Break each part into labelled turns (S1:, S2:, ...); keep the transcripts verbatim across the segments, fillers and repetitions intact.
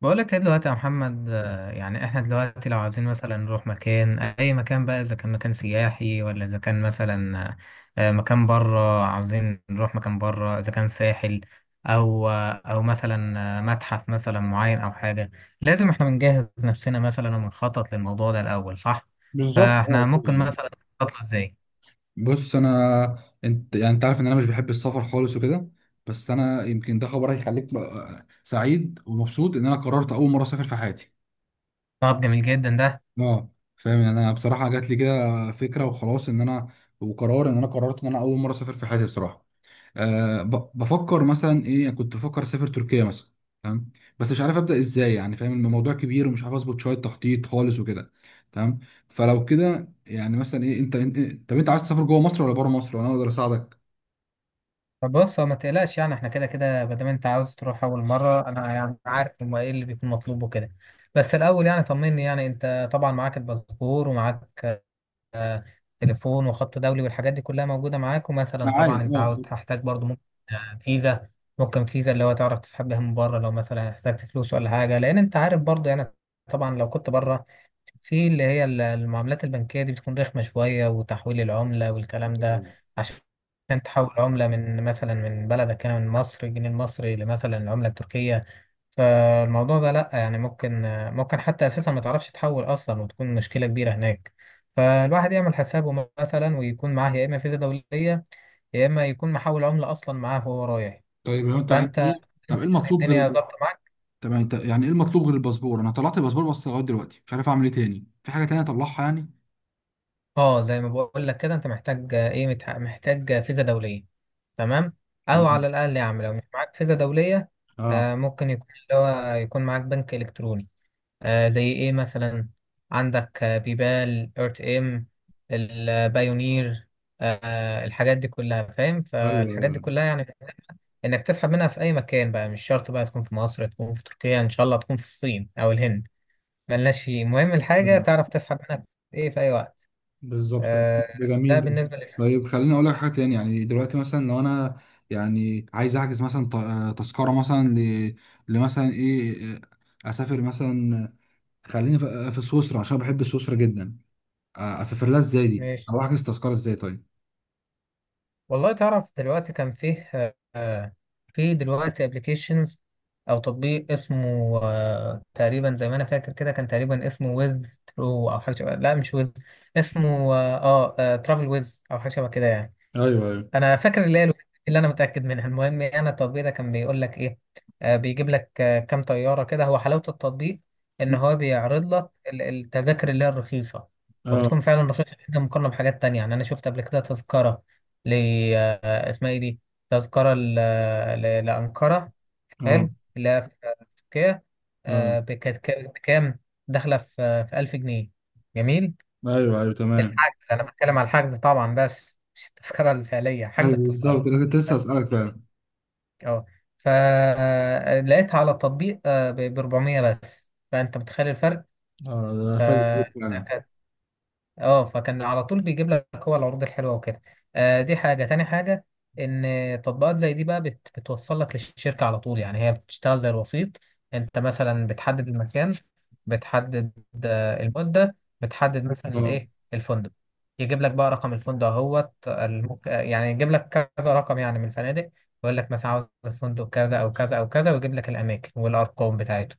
S1: بقولك ايه دلوقتي يا محمد، آه، يعني احنا دلوقتي لو عايزين مثلا نروح مكان، اي مكان بقى، اذا كان مكان سياحي، ولا اذا كان مثلا آه، مكان بره. عاوزين نروح مكان بره، اذا كان ساحل او آه، او مثلا آه، متحف مثلا معين او حاجة، لازم احنا بنجهز نفسنا مثلا، ونخطط للموضوع ده الاول، صح؟
S2: بالظبط،
S1: فاحنا
S2: اه كده
S1: ممكن
S2: يعني.
S1: مثلا نخطط له ازاي؟
S2: بص، انا انت يعني انت عارف ان انا مش بحب السفر خالص وكده. بس انا يمكن ده خبر هيخليك بقى سعيد ومبسوط ان انا قررت اول مره اسافر في حياتي.
S1: طب جميل جدا ده.
S2: اه فاهم يعني، انا بصراحه جات لي كده فكره وخلاص، ان انا وقرار ان انا قررت ان انا اول مره اسافر في حياتي بصراحه. أه ب- بفكر مثلا ايه، يعني كنت بفكر اسافر تركيا مثلا. تمام. بس مش عارف ابدا ازاي، يعني فاهم الموضوع كبير ومش عارف اظبط شويه تخطيط خالص وكده. تمام. فلو كده يعني مثلا ايه، انت انت إيه طب انت عايز تسافر جوه مصر ولا بره مصر وانا اقدر اساعدك؟
S1: طب بص، هو ما تقلقش يعني، احنا كده كده ما دام انت عاوز تروح اول مره، انا يعني عارف هما ايه اللي بيكون مطلوب وكده. بس الاول يعني طمني، يعني انت طبعا معاك الباسبور، ومعاك آه، تليفون وخط دولي والحاجات دي كلها موجوده معاك، ومثلا
S2: معايا،
S1: طبعا انت
S2: اه.
S1: عاوز تحتاج برضو ممكن آه، فيزا. ممكن فيزا، اللي هو تعرف تسحب بيها من بره لو مثلا احتجت فلوس ولا حاجه، لان انت عارف برضو يعني، طبعا لو كنت بره، في اللي هي ال- المعاملات البنكية دي بتكون رخمة شوية، وتحويل العملة والكلام ده، عشان تحول عملة من مثلا من بلدك هنا من مصر الجنيه المصري لمثلا العملة التركية، فالموضوع ده لأ، يعني ممكن ممكن حتى أساسا ما تعرفش تحول أصلا، وتكون مشكلة كبيرة هناك. فالواحد يعمل حسابه مثلا، ويكون معاه يا إما فيزا دولية، يا إما يكون محول عملة أصلا معاه وهو رايح.
S2: طيب، هو انت
S1: فأنت
S2: انت ايه طب ايه
S1: يعني
S2: المطلوب غير
S1: الدنيا
S2: الب...
S1: ظابطة معاك.
S2: طب يعني انت، يعني ايه المطلوب غير الباسبور؟ انا طلعت الباسبور بس لغايه دلوقتي مش عارف اعمل ايه تاني، في حاجه تانية اطلعها يعني؟
S1: اه زي ما بقول لك كده، انت محتاج آه، ايه متح- محتاج آه، فيزا دوليه. تمام. او
S2: تمام،
S1: على الاقل يا عم لو مش معاك فيزا دوليه،
S2: اه،
S1: آه ممكن يكون اللي هو يكون معاك بنك الكتروني. آه زي ايه مثلا؟ عندك آه، بيبال، ارت ام، البايونير، آه الحاجات دي كلها، فاهم؟ فالحاجات دي
S2: ايوه،
S1: كلها يعني انك تسحب منها في اي مكان بقى، مش شرط بقى تكون في مصر، تكون في تركيا، ان شاء الله تكون في الصين او الهند، ملناش فيه، المهم الحاجه
S2: أيوة.
S1: تعرف تسحب منها في ايه في اي وقت.
S2: بالظبط
S1: آه،
S2: ده. جميل
S1: ده
S2: ده.
S1: بالنسبة لل
S2: طيب خليني اقول لك حاجه تاني. يعني دلوقتي مثلا لو انا يعني عايز احجز مثلا ط- آه، تذكره مثلا ل... لمثلا ايه، آه، اسافر مثلا، آه، خليني في في سويسرا عشان بحب سويسرا جدا، آه، اسافر لها ازاي دي،
S1: ماشي.
S2: او احجز تذكره ازاي؟ طيب،
S1: والله تعرف دلوقتي كان فيه آه، في دلوقتي ابلكيشنز او تطبيق اسمه، آه، تقريبا زي ما انا فاكر كده كان تقريبا اسمه ويز ترو او حاجة شبه، لا مش ويز، اسمه اه ترافل ويز او حاجة شبه كده يعني.
S2: ايوه، ايوه،
S1: انا فاكر اللي هي الوحيدة اللي انا متاكد منها. المهم، يعني انا التطبيق ده كان بيقول لك ايه؟ آه بيجيب لك آه كام طياره كده، هو حلاوه التطبيق ان هو بيعرض لك ال- التذاكر اللي هي الرخيصه،
S2: اه،
S1: وبتكون فعلا رخيصه جدا مقارنه بحاجات تانية. يعني انا شفت قبل كده تذكره ل آه اسمها ايه دي، تذكره ل- ل- لانقره،
S2: اه،
S1: حلو، اللي هي في في تركيا،
S2: اه،
S1: آه بكام؟ داخله في آه، في الف جنيه، جميل.
S2: ايوه، ايوه، تمام،
S1: الحجز، انا بتكلم على الحجز طبعا، بس مش التذكره الفعليه، حجز
S2: ايوه،
S1: التذكره.
S2: بالظبط. انا كنت لسه اسالك فعلا.
S1: اه فلقيتها على التطبيق آه، ب اربعمية بس، فانت متخيل الفرق؟
S2: اه، ده
S1: ف
S2: فل فعلا.
S1: اه فكان على طول بيجيب لك هو العروض الحلوه وكده. آه دي حاجه، تاني حاجه ان تطبيقات زي دي بقى بت بتوصل لك للشركه على طول، يعني هي بتشتغل زي الوسيط. انت مثلا بتحدد المكان، بتحدد آه، المده، بتحدد مثلا
S2: اه.
S1: ايه، الفندق، يجيب لك بقى رقم الفندق اهوت الم- يعني يجيب لك كذا رقم يعني من الفنادق، ويقول لك مثلا عاوز الفندق كذا او كذا او كذا، ويجيب لك الاماكن والارقام بتاعته.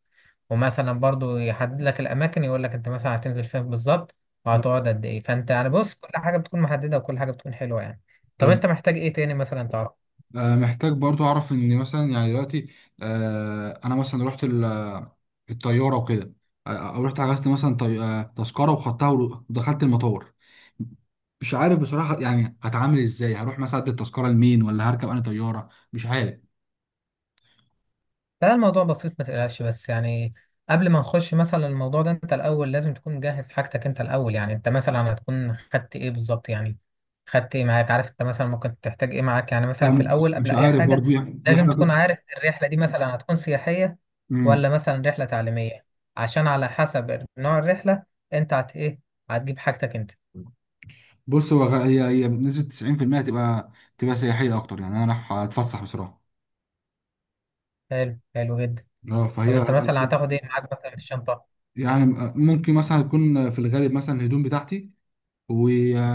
S1: ومثلا برضو يحدد لك الاماكن، يقول لك انت مثلا هتنزل فين بالظبط،
S2: آه.
S1: وهتقعد قد ايه. فانت يعني بص، كل حاجه بتكون محدده وكل حاجه بتكون حلوه يعني. طب
S2: طب،
S1: انت محتاج ايه تاني مثلا؟
S2: آه، محتاج برضو اعرف ان مثلا يعني دلوقتي، آه، انا مثلا رحت ال- آه، الطياره وكده، آه، او رحت حجزت مثلا طي- آه، تذكره وخدتها ودخلت المطار. مش عارف بصراحه، يعني هتعامل ازاي؟ هروح مثلا ادي التذكره لمين؟ ولا هركب انا طياره؟ مش عارف.
S1: لا الموضوع بسيط ما تقلقش، بس يعني قبل ما نخش مثلا الموضوع ده، انت الاول لازم تكون مجهز حاجتك. انت الاول يعني انت مثلا هتكون خدت ايه بالظبط، يعني خدت ايه معاك؟ عارف انت مثلا ممكن تحتاج ايه معاك؟ يعني
S2: لا
S1: مثلا في
S2: م-
S1: الاول قبل
S2: مش
S1: اي
S2: عارف
S1: حاجة،
S2: برضو يعني، دي
S1: لازم
S2: حاجه.
S1: تكون عارف الرحلة دي مثلا هتكون سياحية
S2: مم.
S1: ولا مثلا رحلة تعليمية، عشان على حسب نوع الرحلة، انت هت ايه هتجيب حاجتك انت.
S2: بص هو غ- هي هي بنسبه تسعين في المية هتبقى تبقى تبقى سياحيه اكتر، يعني انا رايح اتفسح بصراحه.
S1: حلو حلو جدا.
S2: اه
S1: طب
S2: فهي
S1: انت مثلا هتاخد ايه معاك مثلا في الشنطة؟
S2: يعني، آه، ممكن مثلا يكون في الغالب مثلا الهدوم بتاعتي.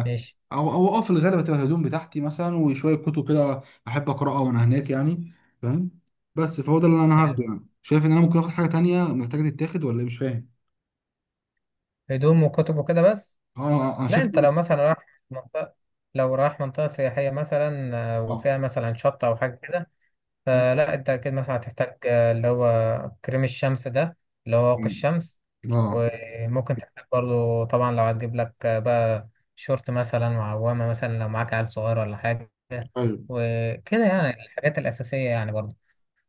S1: ماشي.
S2: او او اه في الغالب هتبقى الهدوم بتاعتي مثلا، وشويه كتب كده احب اقراها وانا هناك يعني، فاهم. بس فهو ده اللي انا
S1: حلو،
S2: هاخده يعني، شايف ان انا ممكن اخد حاجه تانية محتاجه تتاخد ولا إيه؟ مش فاهم.
S1: هدوم وكتب وكده بس.
S2: اه آه، آه، انا
S1: لا
S2: شايف
S1: انت
S2: إن-
S1: لو مثلا رايح منطقة، لو رايح منطقة سياحية مثلا آه،
S2: اه،
S1: وفيها مثلا شط أو حاجة كده، فلا انت أكيد مثلا هتحتاج آه، اللي هو كريم الشمس ده، اللي هو واقي الشمس.
S2: اه،
S1: وممكن تحتاج برضه طبعا، لو هتجيب لك آه، بقى شورت مثلا، وعوامة مثلا لو معاك عيل صغير ولا حاجة،
S2: ايوه،
S1: وكده يعني الحاجات الأساسية يعني برضه.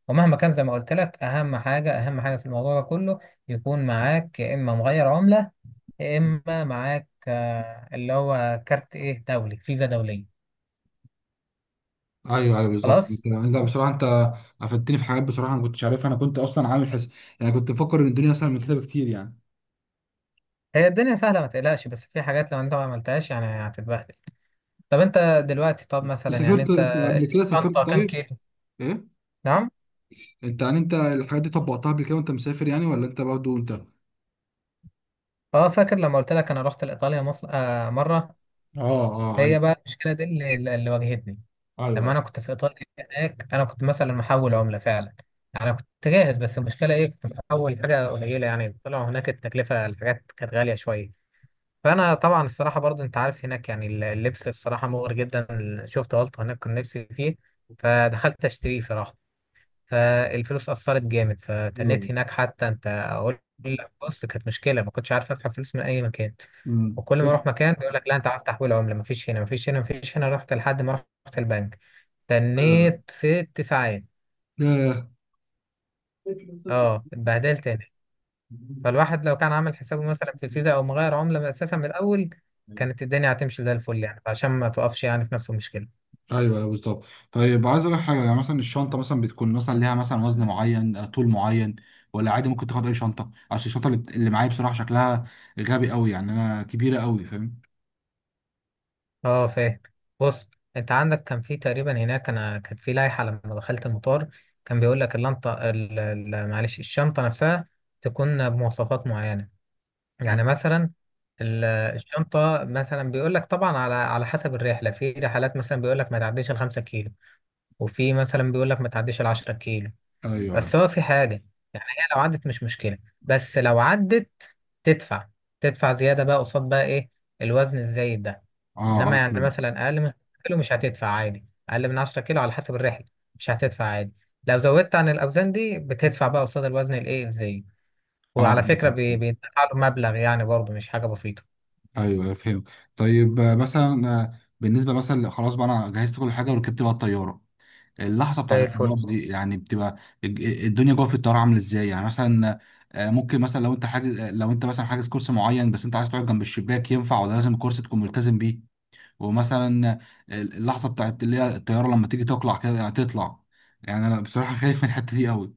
S1: ومهما كان زي ما قلت لك، أهم حاجة أهم حاجة في الموضوع ده كله، يكون معاك يا إما مغير عملة، يا اما معاك آه، اللي هو كارت ايه دولي، فيزا دوليه.
S2: ايوه، ايوه، بالظبط.
S1: خلاص.
S2: انت انت بصراحه، انت افدتني في حاجات بصراحه، انا ما كنتش عارفها، انا كنت اصلا عامل حس، يعني كنت مفكر ان الدنيا اسهل من كده بكتير يعني.
S1: هي الدنيا سهله ما تقلقش، بس في حاجات لو انت ما عملتهاش يعني هتتبهدل. طب انت دلوقتي، طب مثلا يعني
S2: سافرت
S1: انت
S2: انت قبل كده؟ سافرت
S1: الشنطه كام
S2: طيب؟
S1: كيلو؟
S2: ايه؟
S1: نعم؟
S2: انت يعني انت الحاجات دي طبقتها قبل كده وانت مسافر يعني؟ ولا انت برضه انت اه
S1: اه فاكر لما قلت لك انا رحت لايطاليا مصر آه مره؟
S2: اه، ايوه،
S1: هي بقى المشكله دي اللي, اللي واجهتني. لما
S2: ايوه،
S1: انا كنت في ايطاليا هناك، انا كنت مثلا محول عمله فعلا، انا كنت جاهز، بس المشكله ايه؟ كنت محول حاجه قليله، يعني طلعوا هناك التكلفه الحاجات كانت غاليه شويه. فانا طبعا الصراحه برضه انت عارف هناك يعني اللبس الصراحه مغري جدا، شفت غلطه هناك كنت نفسي فيه، فدخلت اشتريه صراحه، فالفلوس اثرت جامد،
S2: ايوه.
S1: فتنيت هناك. حتى انت اقول لك بص، كانت مشكله ما كنتش عارف اسحب فلوس من اي مكان،
S2: مم.
S1: وكل ما
S2: طب،
S1: اروح مكان يقول لك لا، انت عارف تحويل عمله مفيش هنا، مفيش هنا، مفيش هنا. رحت لحد ما رحت البنك،
S2: آه،
S1: تنيت ست ساعات.
S2: ياه.
S1: اه اتبهدلت. فالواحد لو كان عامل حسابه مثلا في فيزا او مغير عملة اساسا من الاول، كانت الدنيا هتمشي زي الفل يعني، عشان ما تقفش يعني في نفس المشكلة.
S2: ايوه، أيوة، بالظبط. طيب عايز اقول لك حاجه. يعني مثلا الشنطه مثلا بتكون مثلا ليها مثلا وزن معين، آه، طول معين، ولا عادي ممكن تاخد اي شنطه؟ عشان الشنطه اللي, بت- اللي معايا بصراحه شكلها غبي قوي، يعني انا كبيره قوي، فاهم.
S1: اه فاهم. بص انت عندك كان في تقريبا هناك، انا كان في لائحة لما دخلت المطار، كان بيقول لك اللنطة ال- ال- معلش، الشنطة نفسها تكون بمواصفات معينة.
S2: آه.
S1: يعني مثلا ال- الشنطة مثلا، بيقول لك طبعا على على حسب الرحلة، في رحلات مثلا بيقول لك ما تعديش الخمسة كيلو، وفي مثلا بيقول لك ما تعديش العشرة كيلو.
S2: ايوه، ايوه.
S1: بس هو في حاجة، يعني هي لو عدت مش مشكلة، بس لو عدت تدفع، تدفع زيادة بقى قصاد بقى إيه، الوزن الزايد ده.
S2: اه،
S1: إنما
S2: اه،
S1: يعني
S2: فهمت.
S1: مثلا أقل من عشرة كيلو مش هتدفع عادي، أقل من عشرة كيلو على حسب الرحلة مش هتدفع عادي. لو زودت عن الأوزان دي بتدفع بقى قصاد الوزن الإيه الزايد.
S2: اه، آه،
S1: وعلى فكرة، بي- بيدفع له مبلغ يعني برضه مش حاجة بسيطة.
S2: ايوه، فهمت. طيب، آه، مثلا، آه، بالنسبه مثلا خلاص بقى، انا جهزت كل حاجه وركبت بقى الطياره. اللحظه بتاعت
S1: زي الفل.
S2: الطياره دي يعني بتبقى، الج- الدنيا جوه في الطياره عامله ازاي يعني مثلا؟ آه، ممكن مثلا لو انت حاجز، آه، لو انت مثلا حاجز كرسي معين بس انت عايز تقعد جنب الشباك، ينفع ولا لازم الكرسي تكون ملتزم بيه؟ ومثلا، آه، اللحظه بتاعت اللي هي الطياره لما تيجي تقلع كده يعني تطلع، يعني انا بصراحه خايف من الحته دي قوي.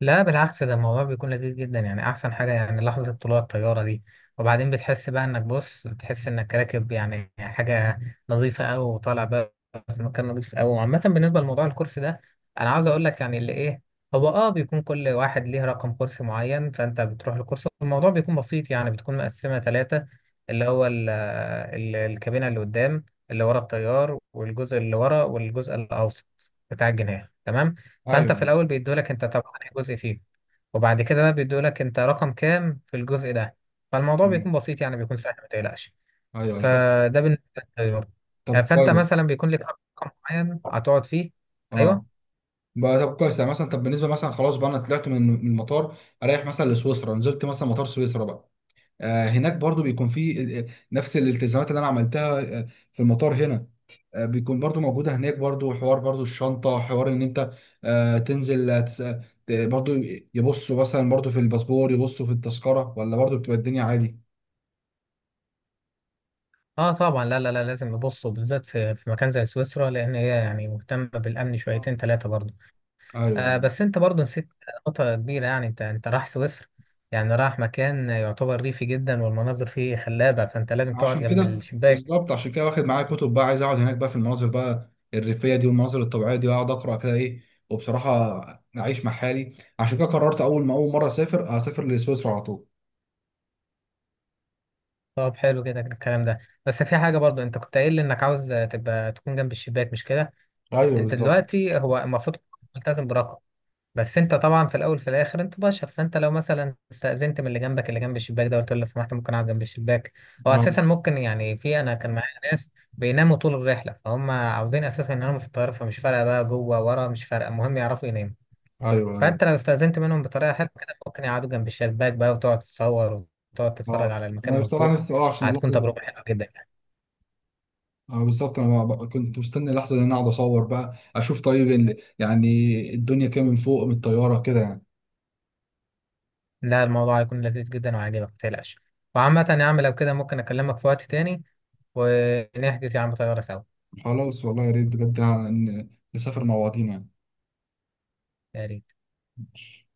S1: لا بالعكس، ده الموضوع بيكون لذيذ جدا يعني، احسن حاجه يعني لحظه طلوع الطياره دي. وبعدين بتحس بقى انك، بص بتحس انك راكب يعني حاجه نظيفه قوي، وطالع بقى في مكان نظيف قوي. وعامه بالنسبه لموضوع الكرسي ده، انا عاوز اقول لك يعني اللي ايه، هو اه بيكون كل واحد ليه رقم كرسي معين، فانت بتروح للكرسي. الموضوع بيكون بسيط يعني، بتكون مقسمه ثلاثه، اللي هو ال ال الكابينه اللي قدام، اللي ورا الطيار، والجزء اللي ورا، والجزء الاوسط بتاع الجناح. تمام؟ فانت في
S2: ايوه.
S1: الاول بيدولك انت طب انهي جزء فيه، وبعد كده بقى بيدولك انت رقم كام في الجزء ده. فالموضوع بيكون
S2: مم.
S1: بسيط يعني، بيكون سهل ما تقلقش.
S2: ايوه، أيوة. طب.
S1: فده بالنسبه للطيار. آه،
S2: طب
S1: فانت
S2: كويس.
S1: مثلا بيكون لك رقم معين هتقعد فيه. ايوه.
S2: اه. بقى طب كويس، يعني مثلا طب بالنسبه مثلا خلاص بقى انا طلعت من من المطار، اريح مثلا لسويسرا، نزلت مثلا مطار سويسرا بقى، آه، هناك برضو بيكون في، آه، آه، نفس الالتزامات اللي انا عملتها، آه، في المطار هنا، آه، بيكون برضو موجودة هناك برضو؟ حوار برضو الشنطة، حوار ان انت، آه، تنزل، آه، تس- آه، ت- برضو يبصوا مثلا برضو في الباسبور، يبصوا في التذكرة، ولا برضو بتبقى الدنيا عادي؟
S1: اه طبعا، لا لا لا لازم نبص، بالذات في في مكان زي سويسرا، لان هي يعني مهتمه بالامن
S2: آه.
S1: شويتين ثلاثه برضه.
S2: ايوه.
S1: آه بس انت برضه نسيت نقطه كبيره، يعني انت انت رايح سويسرا، يعني رايح مكان يعتبر ريفي جدا والمناظر فيه خلابه، فانت لازم تقعد
S2: عشان
S1: جنب
S2: كده.
S1: الشباك.
S2: بالظبط، عشان كده واخد معايا كتب بقى، عايز اقعد هناك بقى في المناظر بقى الريفيه دي والمناظر الطبيعيه دي، واقعد اقرا كده، ايه. وبصراحه اعيش مع حالي. عشان كده قررت اول ما اول مره اسافر اسافر لسويسرا على طول.
S1: طب حلو كده الكلام ده، بس في حاجة برضو انت كنت قايل لي انك عاوز تبقى تكون جنب الشباك، مش كده؟
S2: ايوه،
S1: انت
S2: بالظبط.
S1: دلوقتي هو المفروض ملتزم برقم، بس انت طبعا في الاول في الاخر انت بشر، فانت لو مثلا استأذنت من اللي جنبك، اللي جنب الشباك ده، قلت له لو سمحت ممكن اقعد جنب الشباك، هو اساسا ممكن يعني، في انا كان معايا ناس بيناموا طول الرحلة، فهم عاوزين اساسا يناموا في الطيارة، فمش فارقة بقى جوه ورا، مش فارقة، المهم يعرفوا يناموا.
S2: ايوه، ايوه،
S1: فانت لو استأذنت منهم بطريقه حلوه كده، ممكن يقعدوا جنب الشباك بقى، وتقعد تتصور وتقعد تتفرج
S2: اه.
S1: على المكان
S2: انا
S1: من
S2: بصراحه
S1: فوق.
S2: نفسي، اه، عشان
S1: هتكون
S2: اللحظه دي.
S1: تجربه حلوه جدا يعني.
S2: اه، بالظبط. انا بقى كنت مستني اللحظه دي إن انا اقعد اصور بقى، اشوف طيب ال- يعني الدنيا كده من فوق من الطياره كده يعني.
S1: لا الموضوع هيكون لذيذ جدا وعاجبك ما تقلقش. وعامة يا عم لو كده ممكن اكلمك في وقت تاني، ونحجز يا عم طياره سوا.
S2: خلاص والله، يا ريت بجد يعني ان نسافر مع بعضينا
S1: يا ريت.
S2: يعني.